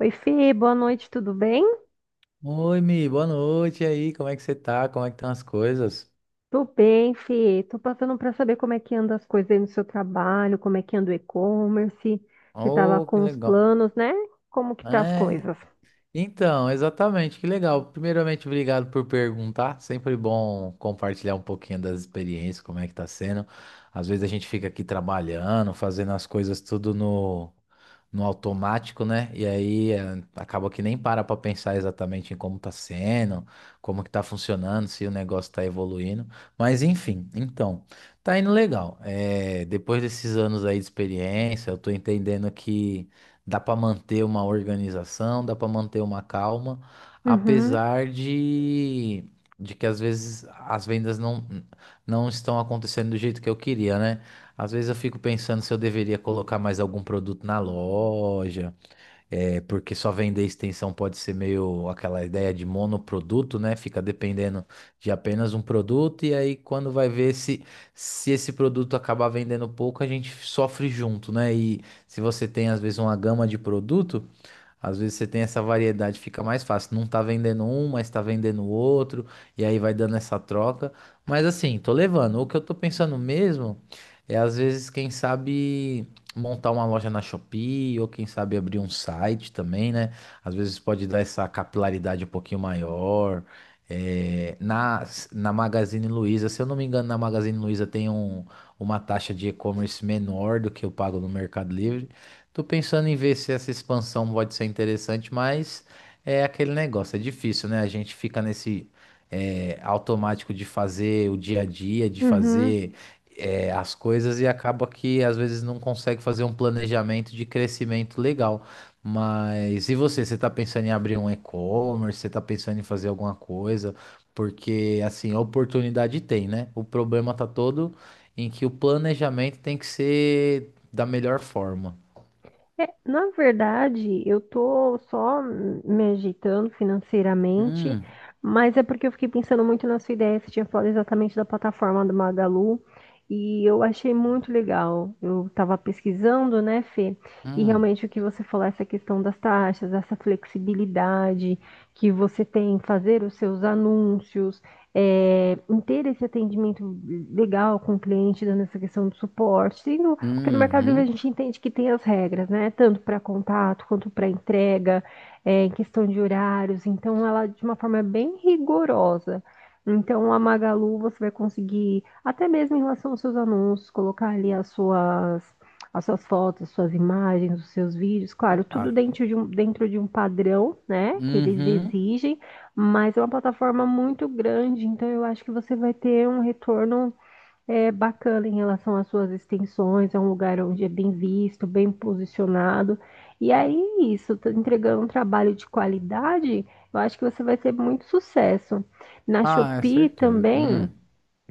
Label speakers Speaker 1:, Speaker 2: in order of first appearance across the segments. Speaker 1: Oi, Fê, boa noite, tudo bem?
Speaker 2: Oi, Mi, boa noite. E aí, como é que você tá? Como é que estão as coisas?
Speaker 1: Tô bem, Fê. Tô passando para saber como é que anda as coisas aí no seu trabalho, como é que anda o e-commerce, você tava
Speaker 2: Oh, que
Speaker 1: com os
Speaker 2: legal.
Speaker 1: planos, né? Como que tá as
Speaker 2: É,
Speaker 1: coisas?
Speaker 2: Então, exatamente, que legal. Primeiramente, obrigado por perguntar. Sempre bom compartilhar um pouquinho das experiências, como é que tá sendo. Às vezes a gente fica aqui trabalhando, fazendo as coisas tudo no automático, né? E aí acaba que nem para pensar exatamente em como tá sendo, como que tá funcionando, se o negócio tá evoluindo. Mas enfim, então, tá indo legal. Depois desses anos aí de experiência, eu tô entendendo que. Dá para manter uma organização, dá para manter uma calma,
Speaker 1: Uhum,
Speaker 2: apesar de que às vezes as vendas não estão acontecendo do jeito que eu queria, né? Às vezes eu fico pensando se eu deveria colocar mais algum produto na loja. É, porque só vender extensão pode ser meio aquela ideia de monoproduto, né? Fica dependendo de apenas um produto, e aí quando vai ver se, se esse produto acabar vendendo pouco, a gente sofre junto, né? E se você tem às vezes uma gama de produto. Às vezes você tem essa variedade, fica mais fácil. Não tá vendendo um, mas tá vendendo outro, e aí vai dando essa troca. Mas assim, tô levando. O que eu tô pensando mesmo é, às vezes, quem sabe montar uma loja na Shopee, ou quem sabe abrir um site também, né? Às vezes pode dar essa capilaridade um pouquinho maior. É, na, na Magazine Luiza, se eu não me engano, na Magazine Luiza tem uma taxa de e-commerce menor do que eu pago no Mercado Livre. Tô pensando em ver se essa expansão pode ser interessante, mas é aquele negócio, é difícil, né? A gente fica nesse automático de fazer o dia a dia, de
Speaker 1: uhum.
Speaker 2: fazer as coisas e acaba que às vezes não consegue fazer um planejamento de crescimento legal. Mas e você? Você tá pensando em abrir um e-commerce? Você tá pensando em fazer alguma coisa? Porque assim, a oportunidade tem, né? O problema tá todo em que o planejamento tem que ser da melhor forma.
Speaker 1: É, na verdade, eu tô só me agitando financeiramente,
Speaker 2: Hum,
Speaker 1: mas é porque eu fiquei pensando muito na sua ideia. Você tinha falado exatamente da plataforma do Magalu e eu achei muito legal. Eu estava pesquisando, né, Fê? E
Speaker 2: hum,
Speaker 1: realmente o que você falou, essa questão das taxas, essa flexibilidade que você tem em fazer os seus anúncios, é, em ter esse atendimento legal com o cliente, dando essa questão do suporte, porque no Mercado Livre a
Speaker 2: uhum,
Speaker 1: gente entende que tem as regras, né? Tanto para contato quanto para entrega, é, em questão de horários. Então, ela de uma forma bem rigorosa. Então, a Magalu você vai conseguir, até mesmo em relação aos seus anúncios, colocar ali as suas, fotos, as suas imagens, os seus vídeos. Claro,
Speaker 2: Ah,
Speaker 1: tudo dentro de um padrão, né? Que eles
Speaker 2: uhum.
Speaker 1: exigem, mas é uma plataforma muito grande. Então, eu acho que você vai ter um retorno é bacana em relação às suas extensões, é um lugar onde é bem visto, bem posicionado. E aí, isso, tá entregando um trabalho de qualidade, eu acho que você vai ter muito sucesso. Na
Speaker 2: Ah, é
Speaker 1: Shopee
Speaker 2: certeza.
Speaker 1: também,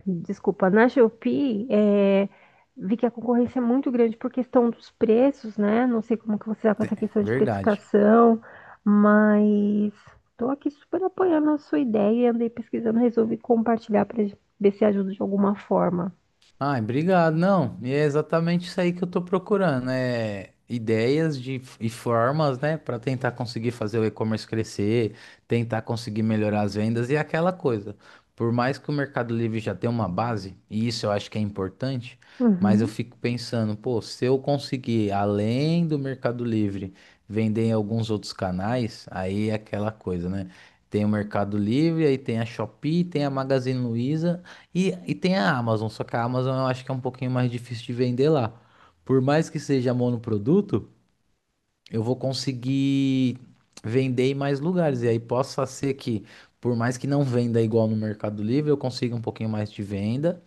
Speaker 1: desculpa, na Shopee, é, vi que a concorrência é muito grande por questão dos preços, né? Não sei como que você está com essa
Speaker 2: te-
Speaker 1: questão de
Speaker 2: verdade.
Speaker 1: precificação, mas estou aqui super apoiando a sua ideia e andei pesquisando, resolvi compartilhar para ver se ajuda de alguma forma.
Speaker 2: Ai, obrigado. Não, e é exatamente isso aí que eu tô procurando, é ideias e formas, né, para tentar conseguir fazer o e-commerce crescer, tentar conseguir melhorar as vendas e aquela coisa. Por mais que o Mercado Livre já tenha uma base, e isso eu acho que é importante, mas eu
Speaker 1: Uhum,
Speaker 2: fico pensando, pô, se eu conseguir, além do Mercado Livre, vender em alguns outros canais, aí é aquela coisa, né? Tem o Mercado Livre, aí tem a Shopee, tem a Magazine Luiza e tem a Amazon, só que a Amazon eu acho que é um pouquinho mais difícil de vender lá. Por mais que seja monoproduto, eu vou conseguir vender em mais lugares. E aí possa ser que, por mais que não venda igual no Mercado Livre, eu consiga um pouquinho mais de venda.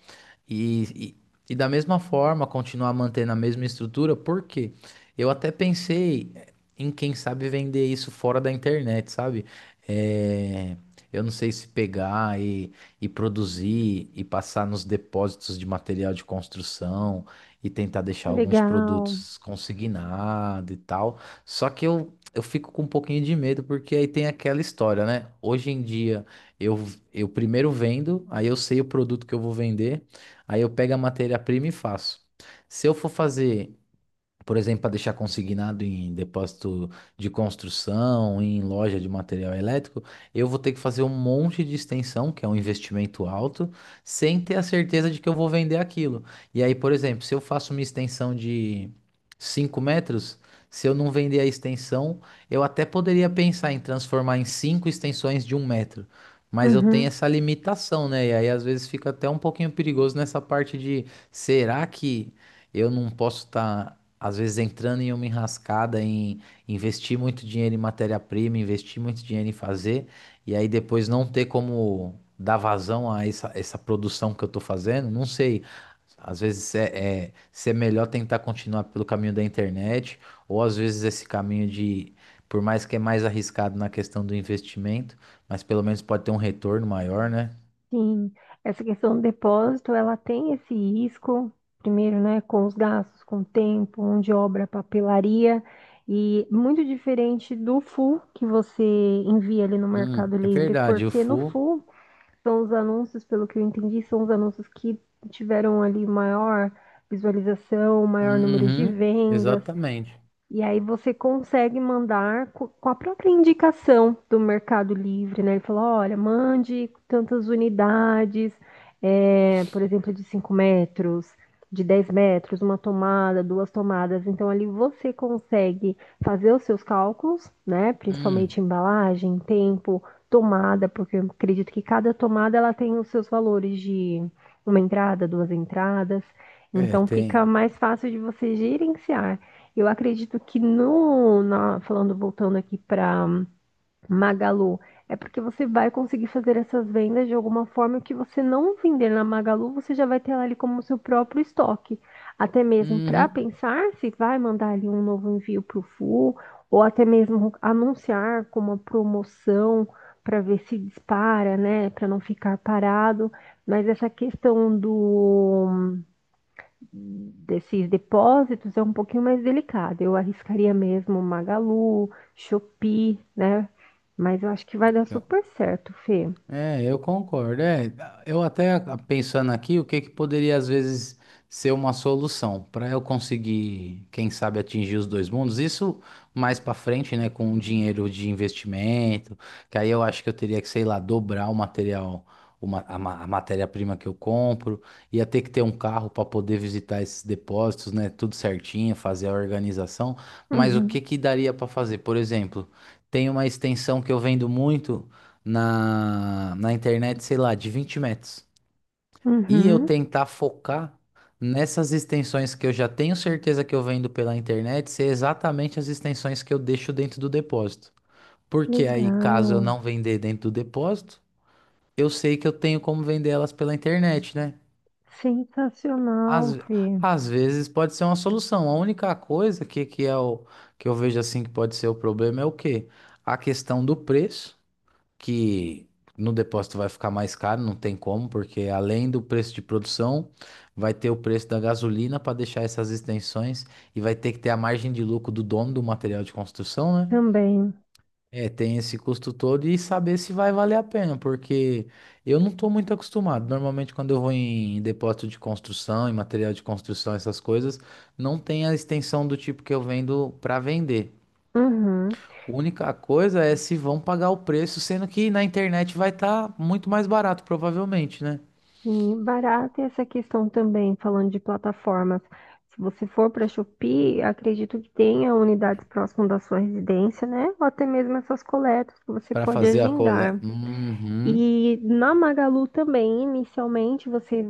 Speaker 2: E, e da mesma forma, continuar mantendo a mesma estrutura, por quê? Eu até pensei em quem sabe vender isso fora da internet, sabe? É, eu não sei se pegar e produzir e passar nos depósitos de material de construção e tentar deixar alguns
Speaker 1: legal.
Speaker 2: produtos consignados e tal. Só que eu fico com um pouquinho de medo, porque aí tem aquela história, né? Hoje em dia eu, eu primeiro vendo, aí eu sei o produto que eu vou vender. Aí eu pego a matéria-prima e faço. Se eu for fazer por exemplo, para deixar consignado em depósito de construção, em loja de material elétrico, eu vou ter que fazer um monte de extensão, que é um investimento alto, sem ter a certeza de que eu vou vender aquilo. E aí, por exemplo, se eu faço uma extensão de 5 metros, se eu não vender a extensão, eu até poderia pensar em transformar em cinco extensões de 1 metro. Mas eu tenho
Speaker 1: Uhum,
Speaker 2: essa limitação, né? E aí às vezes fica até um pouquinho perigoso nessa parte de será que eu não posso estar às vezes entrando em uma enrascada em investir muito dinheiro em matéria-prima, investir muito dinheiro em fazer, e aí depois não ter como dar vazão a essa produção que eu tô fazendo, não sei. Às vezes se é melhor tentar continuar pelo caminho da internet, ou às vezes esse caminho de, por mais que é mais arriscado na questão do investimento, mas pelo menos pode ter um retorno maior, né?
Speaker 1: sim. Essa questão do depósito, ela tem esse risco, primeiro, né, com os gastos, com o tempo, mão de obra, papelaria, e muito diferente do full que você envia ali no Mercado
Speaker 2: É
Speaker 1: Livre,
Speaker 2: verdade, o
Speaker 1: porque no
Speaker 2: full.
Speaker 1: full são os anúncios, pelo que eu entendi, são os anúncios que tiveram ali maior visualização, maior número de
Speaker 2: Uhum,
Speaker 1: vendas.
Speaker 2: exatamente.
Speaker 1: E aí você consegue mandar com a própria indicação do Mercado Livre, né? Ele falou, olha, mande tantas unidades, é, por exemplo, de 5 metros, de 10 metros, uma tomada, duas tomadas. Então ali você consegue fazer os seus cálculos, né? Principalmente
Speaker 2: Hum,
Speaker 1: embalagem, tempo, tomada, porque eu acredito que cada tomada ela tem os seus valores de uma entrada, duas entradas.
Speaker 2: é,
Speaker 1: Então fica
Speaker 2: tem.
Speaker 1: mais fácil de você gerenciar. Eu acredito que no, na- falando, voltando aqui para Magalu, é porque você vai conseguir fazer essas vendas de alguma forma que você não vender na Magalu, você já vai ter ela ali como seu próprio estoque. Até mesmo para
Speaker 2: Uhum.
Speaker 1: pensar se vai mandar ali um novo envio para o Full, ou até mesmo anunciar com uma promoção para ver se dispara, né? Para não ficar parado. Mas essa questão do desses depósitos é um pouquinho mais delicado. Eu arriscaria mesmo Magalu, Shopee, né? Mas eu acho que vai dar
Speaker 2: Que-
Speaker 1: super certo, Fê.
Speaker 2: É, eu concordo. É, eu até pensando aqui, o que que poderia às vezes ser uma solução para eu conseguir, quem sabe, atingir os dois mundos? Isso mais para frente, né, com o dinheiro de investimento, que aí eu acho que eu teria que, sei lá, dobrar o material, a matéria-prima que eu compro, ia ter que ter um carro para poder visitar esses depósitos, né, tudo certinho, fazer a organização. Mas o que
Speaker 1: Uhum,
Speaker 2: que daria para fazer? Por exemplo, tem uma extensão que eu vendo muito na internet, sei lá, de 20 metros. E eu
Speaker 1: uhum.
Speaker 2: tentar focar nessas extensões que eu já tenho certeza que eu vendo pela internet ser exatamente as extensões que eu deixo dentro do depósito. Porque aí, caso eu
Speaker 1: Legal.
Speaker 2: não vender dentro do depósito, eu sei que eu tenho como vender elas pela internet, né?
Speaker 1: Sensacional,
Speaker 2: Às,
Speaker 1: Fê.
Speaker 2: às vezes pode ser uma solução. A única coisa que é o que eu vejo assim que pode ser o problema é o quê? A questão do preço que no depósito vai ficar mais caro, não tem como, porque além do preço de produção, vai ter o preço da gasolina para deixar essas extensões e vai ter que ter a margem de lucro do dono do material de construção, né?
Speaker 1: Também.
Speaker 2: É, tem esse custo todo e saber se vai valer a pena, porque eu não estou muito acostumado. Normalmente, quando eu vou em depósito de construção, em material de construção, essas coisas, não tem a extensão do tipo que eu vendo para vender.
Speaker 1: Uhum.
Speaker 2: Única coisa é se vão pagar o preço, sendo que na internet vai estar muito mais barato, provavelmente, né?
Speaker 1: E barato é essa questão também, falando de plataformas. Se você for para Shopee, acredito que tenha unidades próximas da sua residência, né? Ou até mesmo essas coletas que você
Speaker 2: Para
Speaker 1: pode
Speaker 2: fazer a coleta.
Speaker 1: agendar.
Speaker 2: Uhum.
Speaker 1: E na Magalu também, inicialmente, você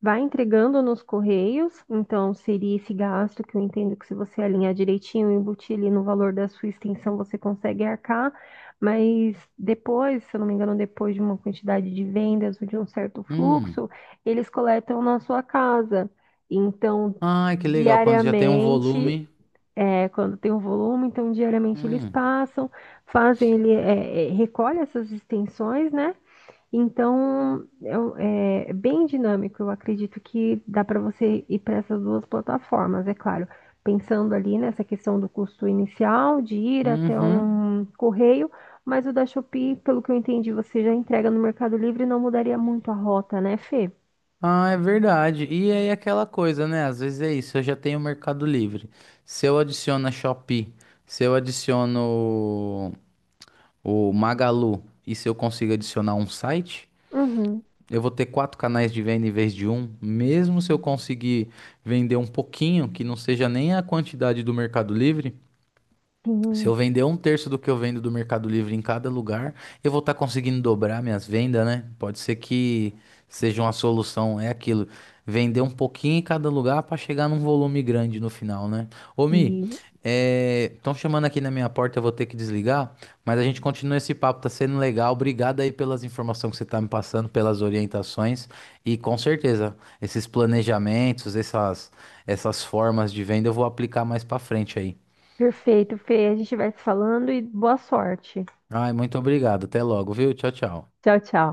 Speaker 1: vai entregando nos correios, então seria esse gasto que eu entendo que se você alinhar direitinho, embutir ali no valor da sua extensão, você consegue arcar, mas depois, se eu não me engano, depois de uma quantidade de vendas ou de um certo fluxo,
Speaker 2: Hum.
Speaker 1: eles coletam na sua casa. Então,
Speaker 2: Ai, que legal, quando já tem um
Speaker 1: diariamente,
Speaker 2: volume.
Speaker 1: é, quando tem um volume, então diariamente eles
Speaker 2: Hum.
Speaker 1: passam, fazem, recolhe essas extensões, né? Então, é bem dinâmico. Eu acredito que dá para você ir para essas duas plataformas, é claro. Pensando ali nessa questão do custo inicial, de ir até
Speaker 2: Uhum.
Speaker 1: um correio, mas o da Shopee, pelo que eu entendi, você já entrega no Mercado Livre, não mudaria muito a rota, né, Fê?
Speaker 2: Ah, é verdade. E aí aquela coisa, né? Às vezes é isso, eu já tenho o Mercado Livre. Se eu adiciono a Shopee, se eu adiciono o o Magalu, e se eu consigo adicionar um site,
Speaker 1: Uhum,
Speaker 2: eu vou ter quatro canais de venda em vez de um, mesmo se eu conseguir vender um pouquinho, que não seja nem a quantidade do Mercado Livre, se
Speaker 1: sim,
Speaker 2: eu vender um terço do que eu vendo do Mercado Livre em cada lugar, eu vou estar conseguindo dobrar minhas vendas, né? Pode ser que seja uma solução, é aquilo. Vender um pouquinho em cada lugar para chegar num volume grande no final, né? Ô, Mi,
Speaker 1: sim.
Speaker 2: estão chamando aqui na minha porta, eu vou ter que desligar, mas a gente continua esse papo, tá sendo legal. Obrigado aí pelas informações que você tá me passando, pelas orientações e com certeza esses planejamentos, essas formas de venda eu vou aplicar mais para frente aí.
Speaker 1: Perfeito, Fê. A gente vai se falando e boa sorte.
Speaker 2: Ai, muito obrigado. Até logo, viu? Tchau, tchau.
Speaker 1: Tchau, tchau.